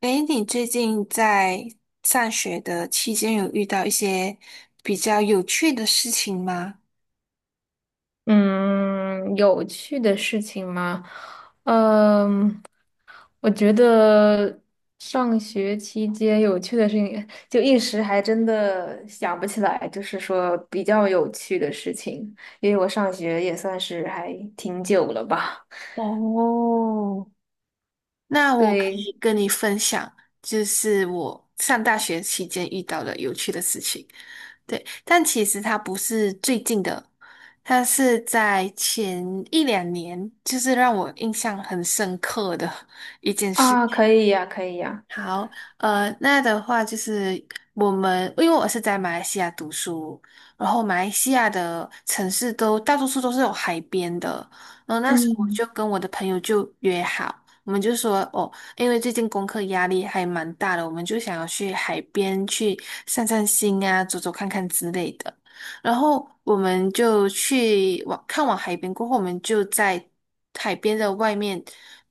诶，你最近在上学的期间有遇到一些比较有趣的事情吗？嗯，有趣的事情吗？嗯，我觉得上学期间有趣的事情，就一时还真的想不起来，就是说比较有趣的事情，因为我上学也算是还挺久了吧。哦，那我可对以跟你分享，就是我上大学期间遇到的有趣的事情。对，但其实它不是最近的，它是在前一两年，就是让我印象很深刻的一件事啊，可情。以呀，可以呀。好，那的话就是我们，因为我是在马来西亚读书，然后马来西亚的城市都大多数都是有海边的，然后那时候我嗯就跟我的朋友就约好，我们就说哦，因为最近功课压力还蛮大的，我们就想要去海边去散散心啊，走走看看之类的。然后我们就看完海边过后，我们就在海边的外面，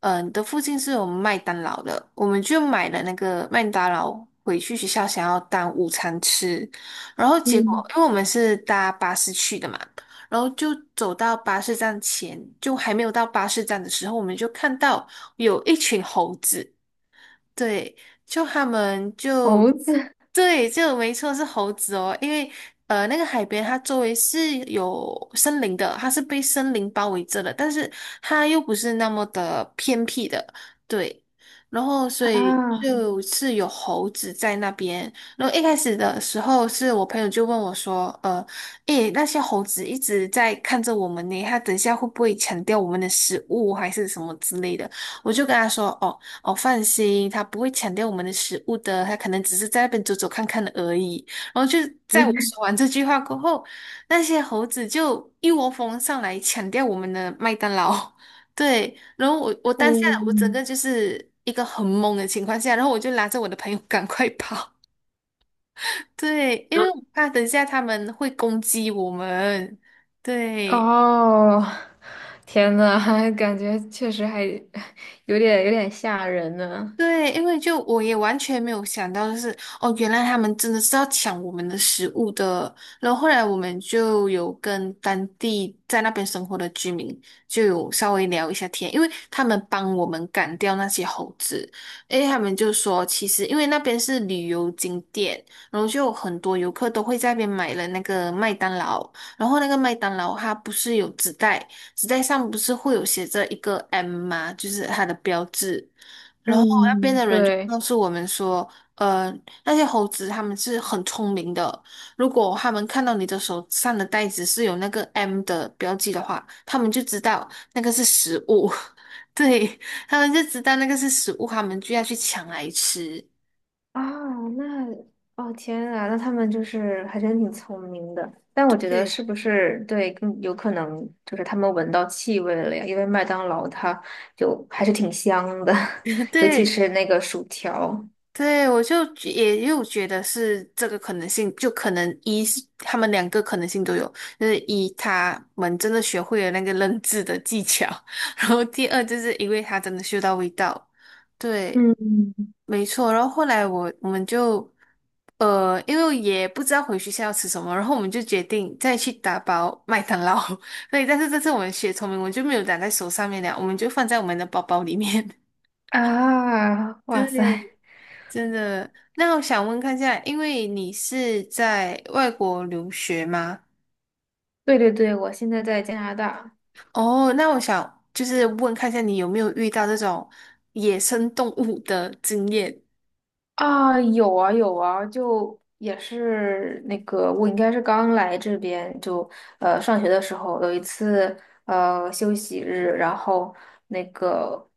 的附近是有麦当劳的，我们就买了那个麦当劳回去学校想要当午餐吃。然后结嗯，果，因为我们是搭巴士去的嘛，然后就走到巴士站前，就还没有到巴士站的时候，我们就看到有一群猴子，对，就他们就猴子对，就没错是猴子哦，因为那个海边它周围是有森林的，它是被森林包围着的，但是它又不是那么的偏僻的，对，然后所以啊，就是有猴子在那边，然后一开始的时候是我朋友就问我说，诶，那些猴子一直在看着我们呢，它等一下会不会抢掉我们的食物还是什么之类的？我就跟他说，哦。哦，放心，他不会抢掉我们的食物的，他可能只是在那边走走看看的而已。然后就在我嗯，说完这句话过后，那些猴子就一窝蜂上来抢掉我们的麦当劳。对，然后我当下我整嗯，个就是一个很懵的情况下，然后我就拉着我的朋友 赶快跑。对，因为我怕等一下他们会攻击我们。对。哦，天呐，还感觉确实还 有点吓人呢。对，因为就我也完全没有想到，就是哦，原来他们真的是要抢我们的食物的。然后后来我们就有跟当地在那边生活的居民就有稍微聊一下天，因为他们帮我们赶掉那些猴子。诶，他们就说，其实因为那边是旅游景点，然后就有很多游客都会在那边买了那个麦当劳，然后那个麦当劳它不是有纸袋，纸袋上不是会有写着一个 M 吗？就是它的标志。然后那边嗯，的人就对告诉我们说，呃，那些猴子他们是很聪明的，如果他们看到你的手上的袋子是有那个 M 的标记的话，他们就知道那个是食物，对，他们就知道那个是食物，他们就要去抢来吃。啊，那哦天啊，那他们就是还真挺聪明的。但我觉得对 是不是对，更有可能就是他们闻到气味了呀？因为麦当劳它就还是挺香的，尤其对，是那个薯条对，我就又觉得是这个可能性，就可能一是他们两个可能性都有，就是一他们真的学会了那个认字的技巧，然后第二就是因为他真的嗅到味道，对，嗯，没错。然后后来我们就因为也不知道回学校要吃什么，然后我们就决定再去打包麦当劳。对，但是这次我们学聪明，我们就没有打在手上面了，我们就放在我们的包包里面。啊！哇塞，对，真的，那我想问看一下，因为你是在外国留学吗？对对对，我现在在加拿大。哦，那我想就是问看一下，你有没有遇到这种野生动物的经验？啊，有啊有啊，就也是那个，我应该是刚来这边，就上学的时候有一次休息日，然后那个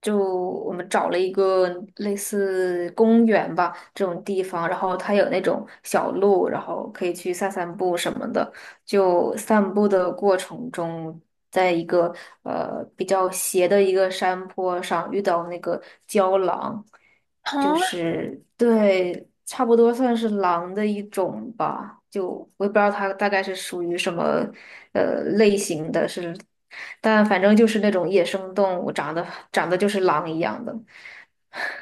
就我们找了一个类似公园吧这种地方，然后它有那种小路，然后可以去散散步什么的。就散步的过程中，在一个比较斜的一个山坡上遇到那个郊狼。啊，对，差不多算是狼的一种吧，就我也不知道它大概是属于什么类型的是，但反正就是那种野生动物，长得就是狼一样的。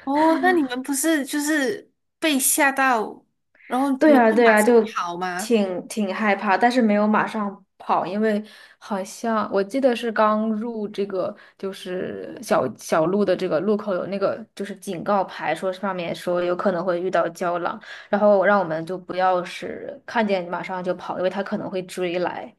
哦，那你们不是就是被吓到，然后你对们呀，就对马呀，上就跑吗？挺害怕，但是没有马上跑，因为好像我记得是刚入这个就是小路的这个路口有那个就是警告牌，说上面说有可能会遇到胶囊，然后让我们就不要是看见马上就跑，因为他可能会追来，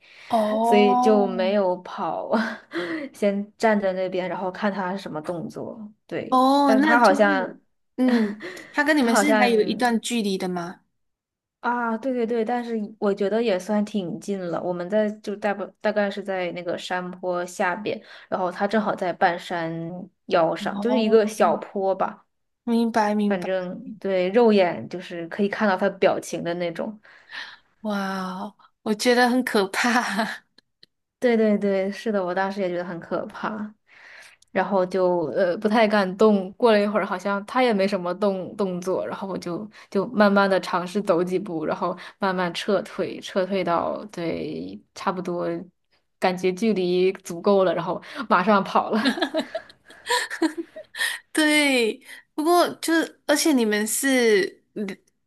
所以就没哦，有跑，先站在那边，然后看他什么动作。对，哦，但是那他好就是，像。嗯，他跟你他们好是还像有一段距离的吗？啊，对对对，但是我觉得也算挺近了。我们在就大不大概是在那个山坡下边，然后他正好在半山腰上，就是一个哦，小坡吧。明白明反白，正对，肉眼就是可以看到他表情的那种。哇哦，我觉得很可怕。对对对，是的，我当时也觉得很可怕。然后就不太敢动。过了一会儿，好像他也没什么动作，然后我就慢慢的尝试走几步，然后慢慢撤退，撤退到对差不多，感觉距离足够了，然后马上跑了。对，不过就是，而且你们是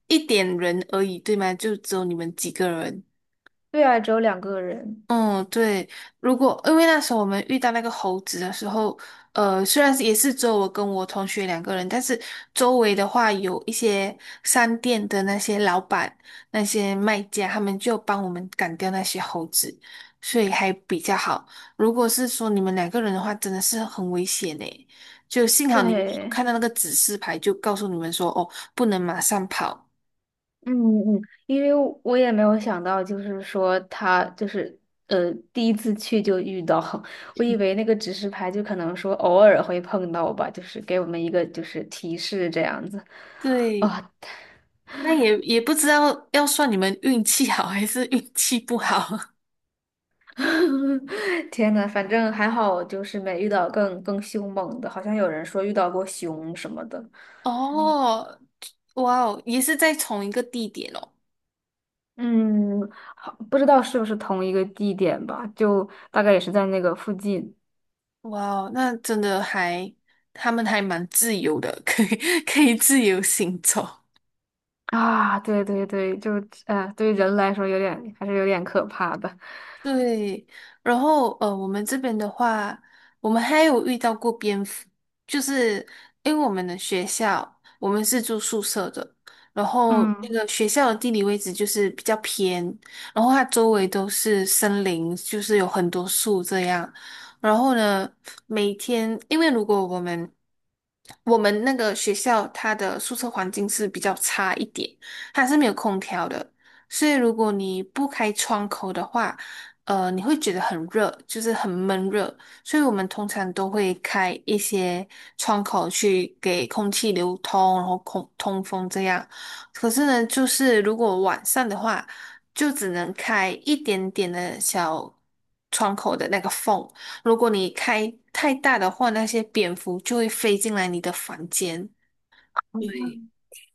一点人而已，对吗？就只有你们几个人。对啊，只有两个人。嗯，对，如果因为那时候我们遇到那个猴子的时候，虽然是也是只有我跟我同学两个人，但是周围的话有一些商店的那些老板、那些卖家，他们就帮我们赶掉那些猴子，所以还比较好。如果是说你们两个人的话，真的是很危险诶，就幸好你们有对。看到那个指示牌，就告诉你们说，哦，不能马上跑。嗯嗯，因为我也没有想到，就是说他就是第一次去就遇到，我以为那个指示牌就可能说偶尔会碰到吧，就是给我们一个就是提示这样子。对。啊、那也也不知道要算你们运气好还是运气不好 天呐，反正还好，就是没遇到更凶猛的，好像有人说遇到过熊什么的。哦。哇哦，也是在同一个地点哦。嗯，好，不知道是不是同一个地点吧，就大概也是在那个附近。哇哦，那真的还，他们还蛮自由的，可以 可以自由行走。啊，对对对，就对于人来说还是有点可怕的。对，然后我们这边的话，我们还有遇到过蝙蝠，就是因为我们的学校，我们是住宿舍的，然后那嗯，个学校的地理位置就是比较偏，然后它周围都是森林，就是有很多树这样。然后呢，每天因为如果我们那个学校它的宿舍环境是比较差一点，它是没有空调的。所以，如果你不开窗口的话，你会觉得很热，就是很闷热，所以我们通常都会开一些窗口去给空气流通，然后空通风这样。可是呢，就是如果晚上的话，就只能开一点点的小窗口的那个缝。如果你开太大的话，那些蝙蝠就会飞进来你的房间。对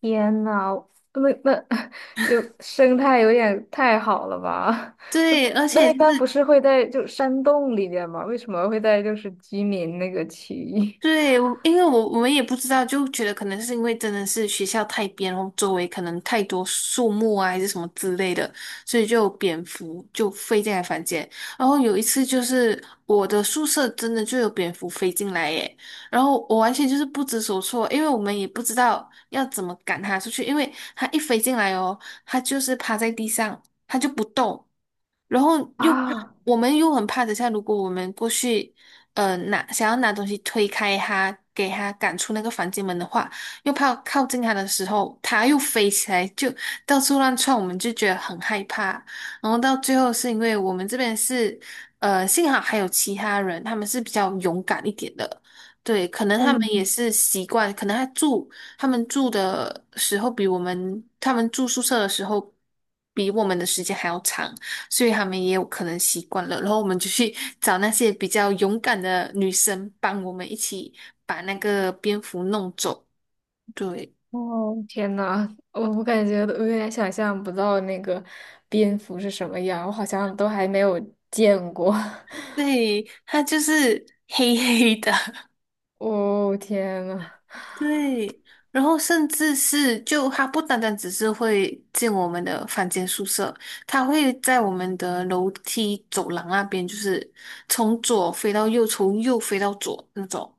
天呐，那那 有生态有点太好了吧？对，而 那且一就般不是。是会在就山洞里面吗？为什么会在就是居民那个区域 对，因为我们也不知道，就觉得可能是因为真的是学校太边，然后周围可能太多树木啊，还是什么之类的，所以就有蝙蝠就飞进来房间。然后有一次就是我的宿舍真的就有蝙蝠飞进来耶，然后我完全就是不知所措，因为我们也不知道要怎么赶它出去，因为它一飞进来哦，它就是趴在地上，它就不动。然后 啊？我们又很怕，等下如果我们过去，拿想要拿东西推开他，给他赶出那个房间门的话，又怕靠近他的时候，他又飞起来，就到处乱窜，我们就觉得很害怕。然后到最后是因为我们这边是，幸好还有其他人，他们是比较勇敢一点的。对，可能他们也嗯，是习惯，可能他住他们住的时候比我们他们住宿舍的时候比我们的时间还要长，所以他们也有可能习惯了。然后我们就去找那些比较勇敢的女生，帮我们一起把那个蝙蝠弄走。对，哦，天呐，我感觉都有点想象不到那个蝙蝠是什么样，我好像都还没有见过。对，它就是黑黑的，哦，天呐！对，然后甚至是就它不单单只是会进我们的房间宿舍，它会在我们的楼梯走廊那边，就是从左飞到右，从右飞到左那种，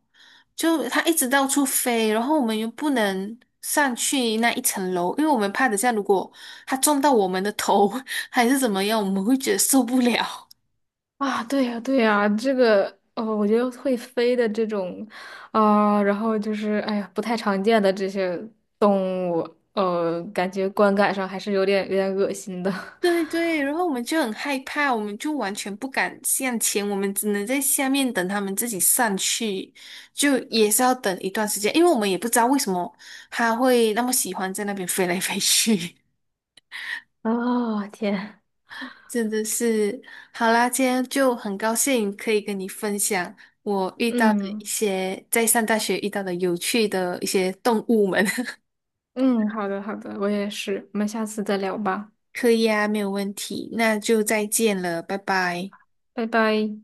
就它一直到处飞，然后我们又不能上去那一层楼，因为我们怕等下如果它撞到我们的头 还是怎么样，我们会觉得受不了。啊，对呀，对呀，这个哦，我觉得会飞的这种，啊、然后就是哎呀，不太常见的这些动物，感觉观感上还是有点恶心的。对对，然后我们就很害怕，我们就完全不敢向前，我们只能在下面等他们自己上去，就也是要等一段时间，因为我们也不知道为什么他会那么喜欢在那边飞来飞去，哦，天，真的是。好啦，今天就很高兴可以跟你分享我遇到的一嗯些在上大学遇到的有趣的一些动物们。嗯，好的好的，我也是，我们下次再聊吧，可以啊，没有问题，那就再见了，拜拜。拜拜。